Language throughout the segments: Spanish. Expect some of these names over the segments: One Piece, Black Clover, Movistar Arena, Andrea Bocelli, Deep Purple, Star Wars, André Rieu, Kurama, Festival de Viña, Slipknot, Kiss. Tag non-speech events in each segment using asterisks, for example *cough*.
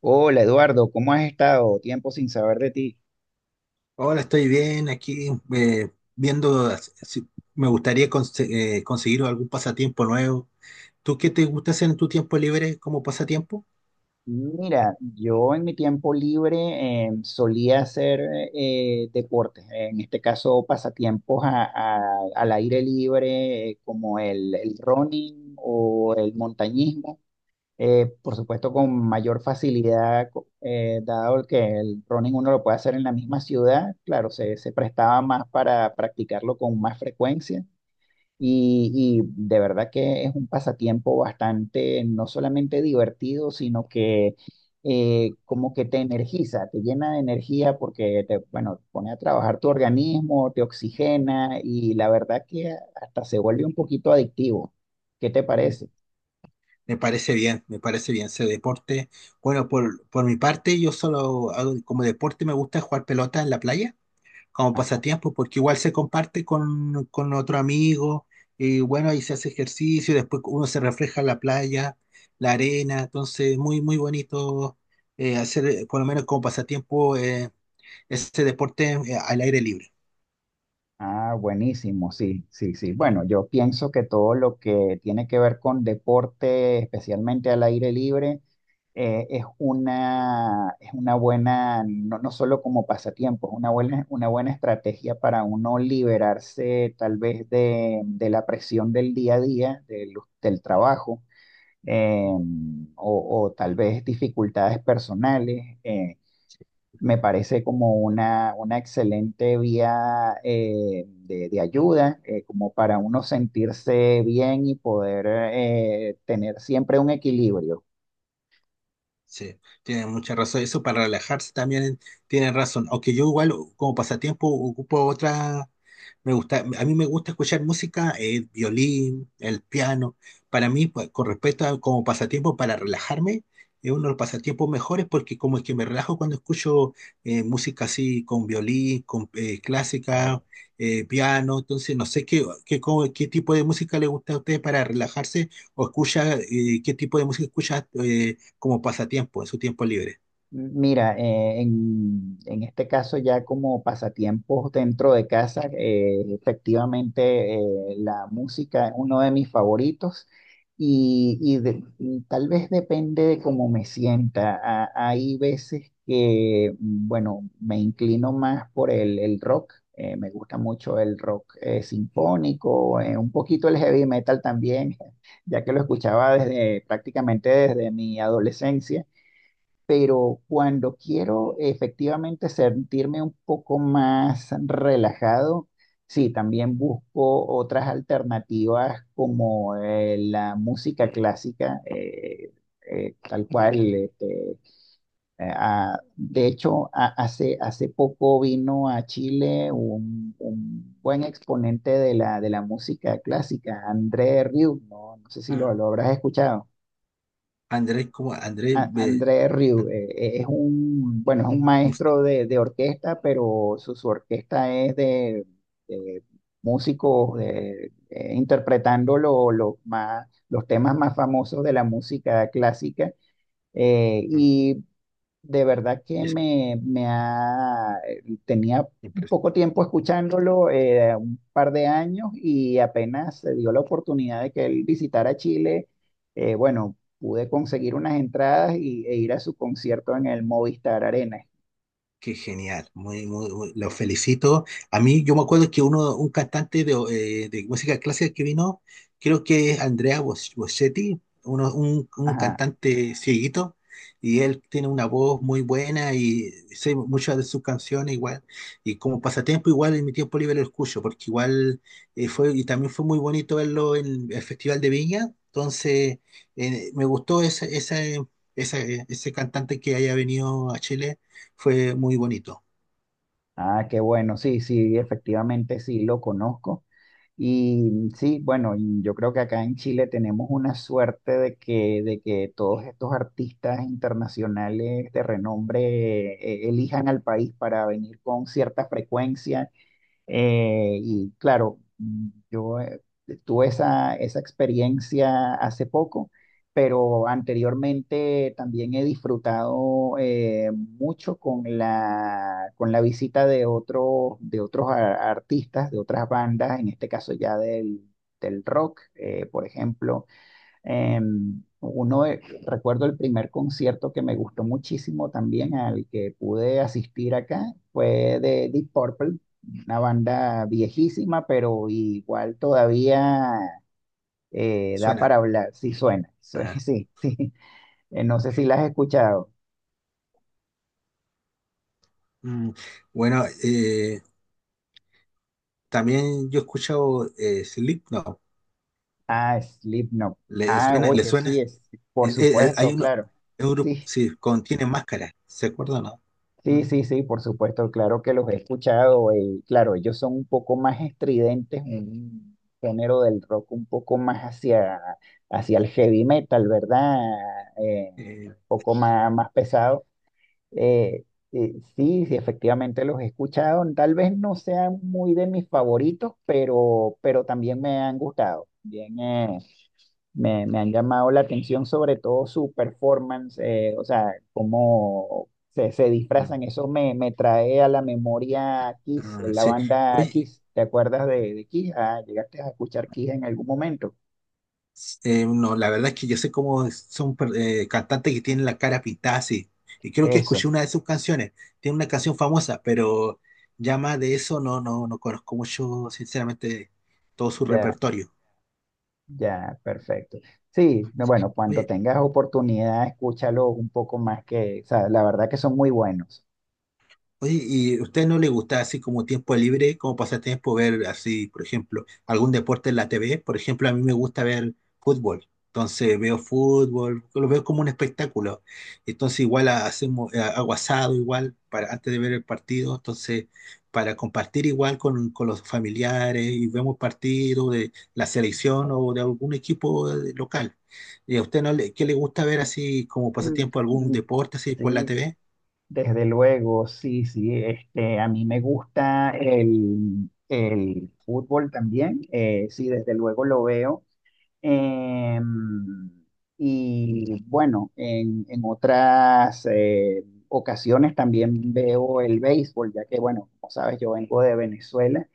Hola Eduardo, ¿cómo has estado? Tiempo sin saber de ti. Ahora estoy bien aquí viendo si me gustaría conseguir algún pasatiempo nuevo. ¿Tú qué te gusta hacer en tu tiempo libre como pasatiempo? Mira, yo en mi tiempo libre solía hacer deportes, en este caso pasatiempos al aire libre, como el running o el montañismo, por supuesto con mayor facilidad, dado el que el running uno lo puede hacer en la misma ciudad, claro, se prestaba más para practicarlo con más frecuencia. Y de verdad que es un pasatiempo bastante, no solamente divertido, sino que como que te energiza, te llena de energía porque te, bueno, pone a trabajar tu organismo, te oxigena y la verdad que hasta se vuelve un poquito adictivo. ¿Qué te Mm. parece? Me parece bien ese deporte. Bueno, por mi parte, yo solo hago como deporte, me gusta jugar pelota en la playa, como Ajá. pasatiempo, porque igual se comparte con otro amigo, y bueno, ahí se hace ejercicio, después uno se refleja en la playa, la arena, entonces muy, muy bonito hacer, por lo menos como pasatiempo, ese deporte al aire libre. Ah, buenísimo, sí, sí, sí. Bueno, yo pienso que todo lo que tiene que ver con deporte, especialmente al aire libre, es una buena, no, no solo como pasatiempo, es una buena estrategia para uno liberarse tal vez de la presión del día a día, del, del trabajo, eh, o tal vez dificultades personales. Me parece como una excelente vía de ayuda, como para uno sentirse bien y poder tener siempre un equilibrio. Sí, tiene mucha razón. Eso para relajarse también tienen razón. Aunque yo igual como pasatiempo ocupo otra. Me gusta, a mí me gusta escuchar música, el violín, el piano. Para mí, pues, con respecto a como pasatiempo para relajarme, es uno de los pasatiempos mejores porque como es que me relajo cuando escucho música así con violín, con clásica, Claro. Piano. Entonces, no sé qué, qué, cómo- qué tipo de música le gusta a usted para relajarse o Sí. escucha, qué tipo de música escucha como pasatiempo en su tiempo libre. Mira, en este caso ya como pasatiempos dentro de casa, efectivamente la música es uno de mis favoritos y tal vez depende de cómo me sienta. Hay veces que, mm, bueno, me inclino más por el rock, me gusta mucho el rock sinfónico, un poquito el heavy metal también, *laughs* ya que lo escuchaba desde prácticamente desde mi adolescencia, pero cuando quiero efectivamente sentirme un poco más relajado, sí, también busco otras alternativas como la música clásica, tal cual. De hecho, hace poco vino a Chile un buen exponente de de la música clásica, André Rieu, no, no sé si Ah, lo habrás escuchado. Andrés, como Andrés, André Rieu, es un, bueno, es un música. maestro de orquesta, pero su orquesta es de músicos interpretando los temas más famosos de la música clásica. Y de verdad que me ha, tenía poco tiempo escuchándolo, un par de años, y apenas se dio la oportunidad de que él visitara Chile, bueno, pude conseguir unas entradas e ir a su concierto en el Movistar Arena. Qué genial, los felicito. A mí, yo me acuerdo que uno, un cantante de música clásica que vino, creo que es Andrea Bocelli, un Ajá. cantante cieguito, y él tiene una voz muy buena y sé muchas de sus canciones igual, y como pasatiempo igual en mi tiempo libre lo escucho, porque igual y también fue muy bonito verlo en el Festival de Viña, entonces me gustó ese cantante que haya venido a Chile, fue muy bonito, Ah, qué bueno, sí, sí, efectivamente sí lo conozco. Y sí, bueno, y yo creo que acá en Chile tenemos una suerte de de que todos estos artistas internacionales de renombre elijan al país para venir con cierta frecuencia. Y claro, mm, yo tuve esa experiencia hace poco, pero anteriormente también he disfrutado mucho con con la visita de otros, de otros artistas, de otras bandas, en este caso ya del, del rock, por ejemplo. Eh, uno de- Recuerdo el primer concierto que me gustó muchísimo también, al que pude asistir acá, fue de Deep Purple, una banda viejísima, pero igual todavía da suena. para hablar, sí suena, sí, *laughs* Ajá. sí, sí. No sé si la has escuchado. Mm, Bueno, también yo he escuchado Slipknot. Ah, Slipknot. ¿Le Ah, suena? ¿Le oye, suena? sí, es, por Hay supuesto, uno, claro. es un grupo, Sí, sí, contiene máscaras, ¿se acuerdan, no? Mm, sí, sí, sí, por supuesto, claro que los he escuchado. Claro, ellos son un poco más estridentes, un género del rock un poco más hacia, hacia el heavy metal, ¿verdad? Un eh, poco más, más pesado. Eh, sí, sí, efectivamente los he escuchado. Tal vez no sean muy de mis favoritos, pero también me han gustado. Bien, me han llamado la atención sobre todo su performance, o sea, cómo se mm, disfrazan. Eso me trae a la memoria Kiss, ah, la sí. banda Oye, Kiss. ¿Te acuerdas de Kiss? Ah, llegaste a escuchar Kiss en algún momento. No, la verdad es que yo sé cómo son cantantes que tienen la cara pintada así. Y creo que Eso, escuché una de sus canciones. Tiene una canción famosa, pero ya más de eso no conozco mucho, sinceramente, todo su ya, repertorio. ya, perfecto. Sí, no, bueno, cuando Oye, tengas oportunidad, escúchalo un poco más que, o sea, la verdad que son muy buenos. oye, ¿y a usted no le gusta así como tiempo libre, como pasatiempo, ver así, por ejemplo, algún deporte en la TV? Por ejemplo, a mí me gusta ver fútbol. Entonces veo fútbol, lo veo como un espectáculo. Entonces igual hacemos hago asado igual para antes de ver el partido, entonces para compartir igual con los familiares y vemos partidos de la selección o de algún equipo local. ¿Y a usted no le, qué le gusta ver así como Mm, pasatiempo algún mm, deporte así por la sí, TV? desde luego, sí, sí. Este, a mí me gusta el fútbol también. Sí, desde luego lo veo. em, y bueno, en otras ocasiones también veo el béisbol, ya que, bueno, como sabes, yo vengo de Venezuela.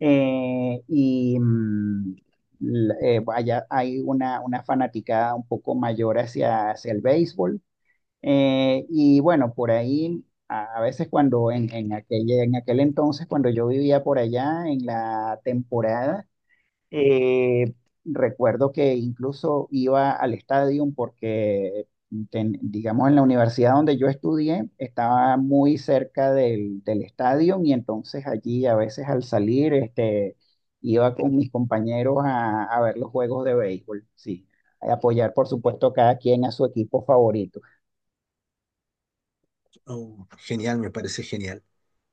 eh, y mm, Allá hay una fanaticada un poco mayor hacia, hacia el béisbol. Y bueno, por ahí, a veces cuando en aquel entonces, cuando yo vivía por allá en la temporada, eh, recuerdo que incluso iba al estadio porque, digamos, en la universidad donde yo estudié, estaba muy cerca del, del estadio y entonces allí a veces al salir, este, iba con mis compañeros a ver los juegos de béisbol, sí, a apoyar, por supuesto, cada quien a su equipo favorito, Oh, genial, me parece genial.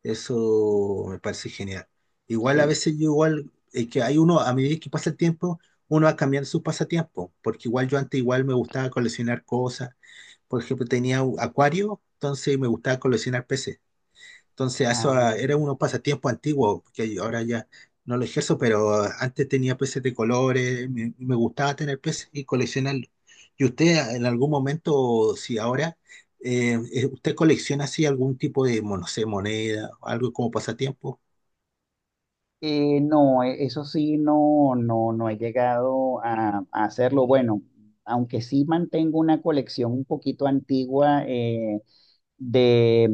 Eso me parece genial. Igual a sí. veces yo igual, que hay uno, a medida que pasa el tiempo, uno va cambiando sus pasatiempos, porque igual yo antes igual me gustaba coleccionar cosas. Por ejemplo, tenía un acuario, entonces me gustaba coleccionar peces. Entonces, eso ah, Ah, era unos pasatiempos antiguos, que ahora ya no lo ejerzo, pero ah, antes tenía peces de colores, me gustaba tener peces y coleccionarlos. ¿Y usted ah, en algún momento, si ahora, usted colecciona así algún tipo de, no sé, moneda, algo como pasatiempo? No, eso sí, no, no, no he llegado a hacerlo. Bueno, aunque sí mantengo una colección un poquito antigua, de,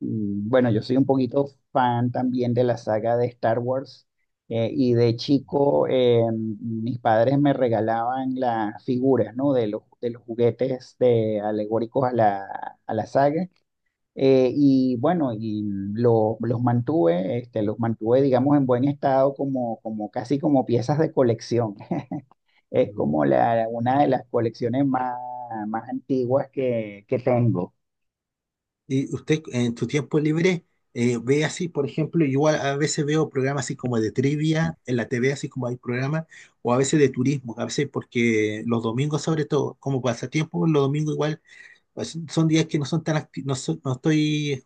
bueno, yo soy un poquito fan también de la saga de Star Wars, y de chico, mis padres me regalaban las figuras, ¿no? De los juguetes de, alegóricos a a la saga. Y bueno, y los mantuve, este, los mantuve, digamos, en buen estado como, como casi como piezas de colección. *laughs* Es Mm. como una de las colecciones más, más antiguas que tengo. Y usted en tu tiempo libre ve así, por ejemplo, igual a veces veo programas así como de trivia en la TV, así como hay programas, o a veces de turismo, a veces porque los domingos sobre todo, como pasatiempo, los domingos igual, pues, son días que no son tan activos, no, no estoy,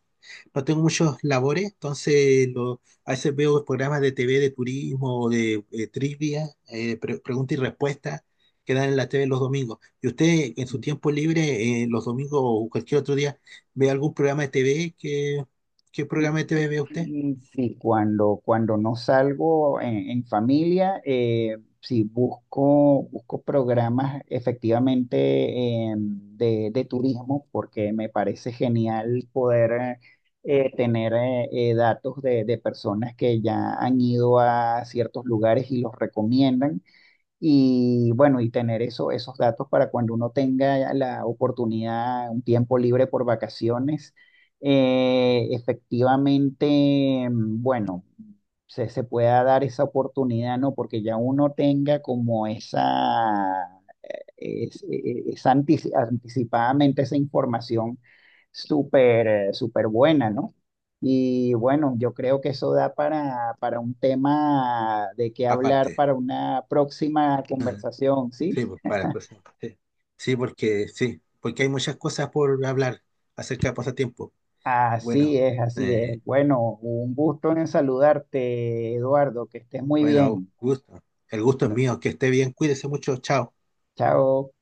no tengo muchos labores, entonces a veces veo programas de TV de turismo o de trivia, pregunta y respuesta que dan en la TV los domingos. ¿Y usted en su tiempo libre, los domingos o cualquier otro día, ve algún programa de TV? Qué Eh, programa de eh, TV ve usted? Sí, cuando, cuando no salgo en familia, sí busco, busco programas efectivamente de turismo porque me parece genial poder tener datos de personas que ya han ido a ciertos lugares y los recomiendan. Y bueno, y tener eso, esos datos para cuando uno tenga la oportunidad, un tiempo libre por vacaciones, efectivamente, mm, bueno, se pueda dar esa oportunidad, ¿no? Porque ya uno tenga como esa es anticipadamente esa información súper, súper buena, ¿no? Y bueno, yo creo que eso da para un tema de qué hablar Aparte. para una próxima Ujú. *laughs* conversación, Sí, ¿sí? pues, para pues, sí. Sí, porque hay muchas cosas por hablar acerca de pasatiempo. Así Bueno, es, así eh, es. Bueno, un gusto en saludarte, Eduardo, que estés muy bueno, bien. gusto. El gusto es mío, que esté bien, cuídese mucho, chao. Chao.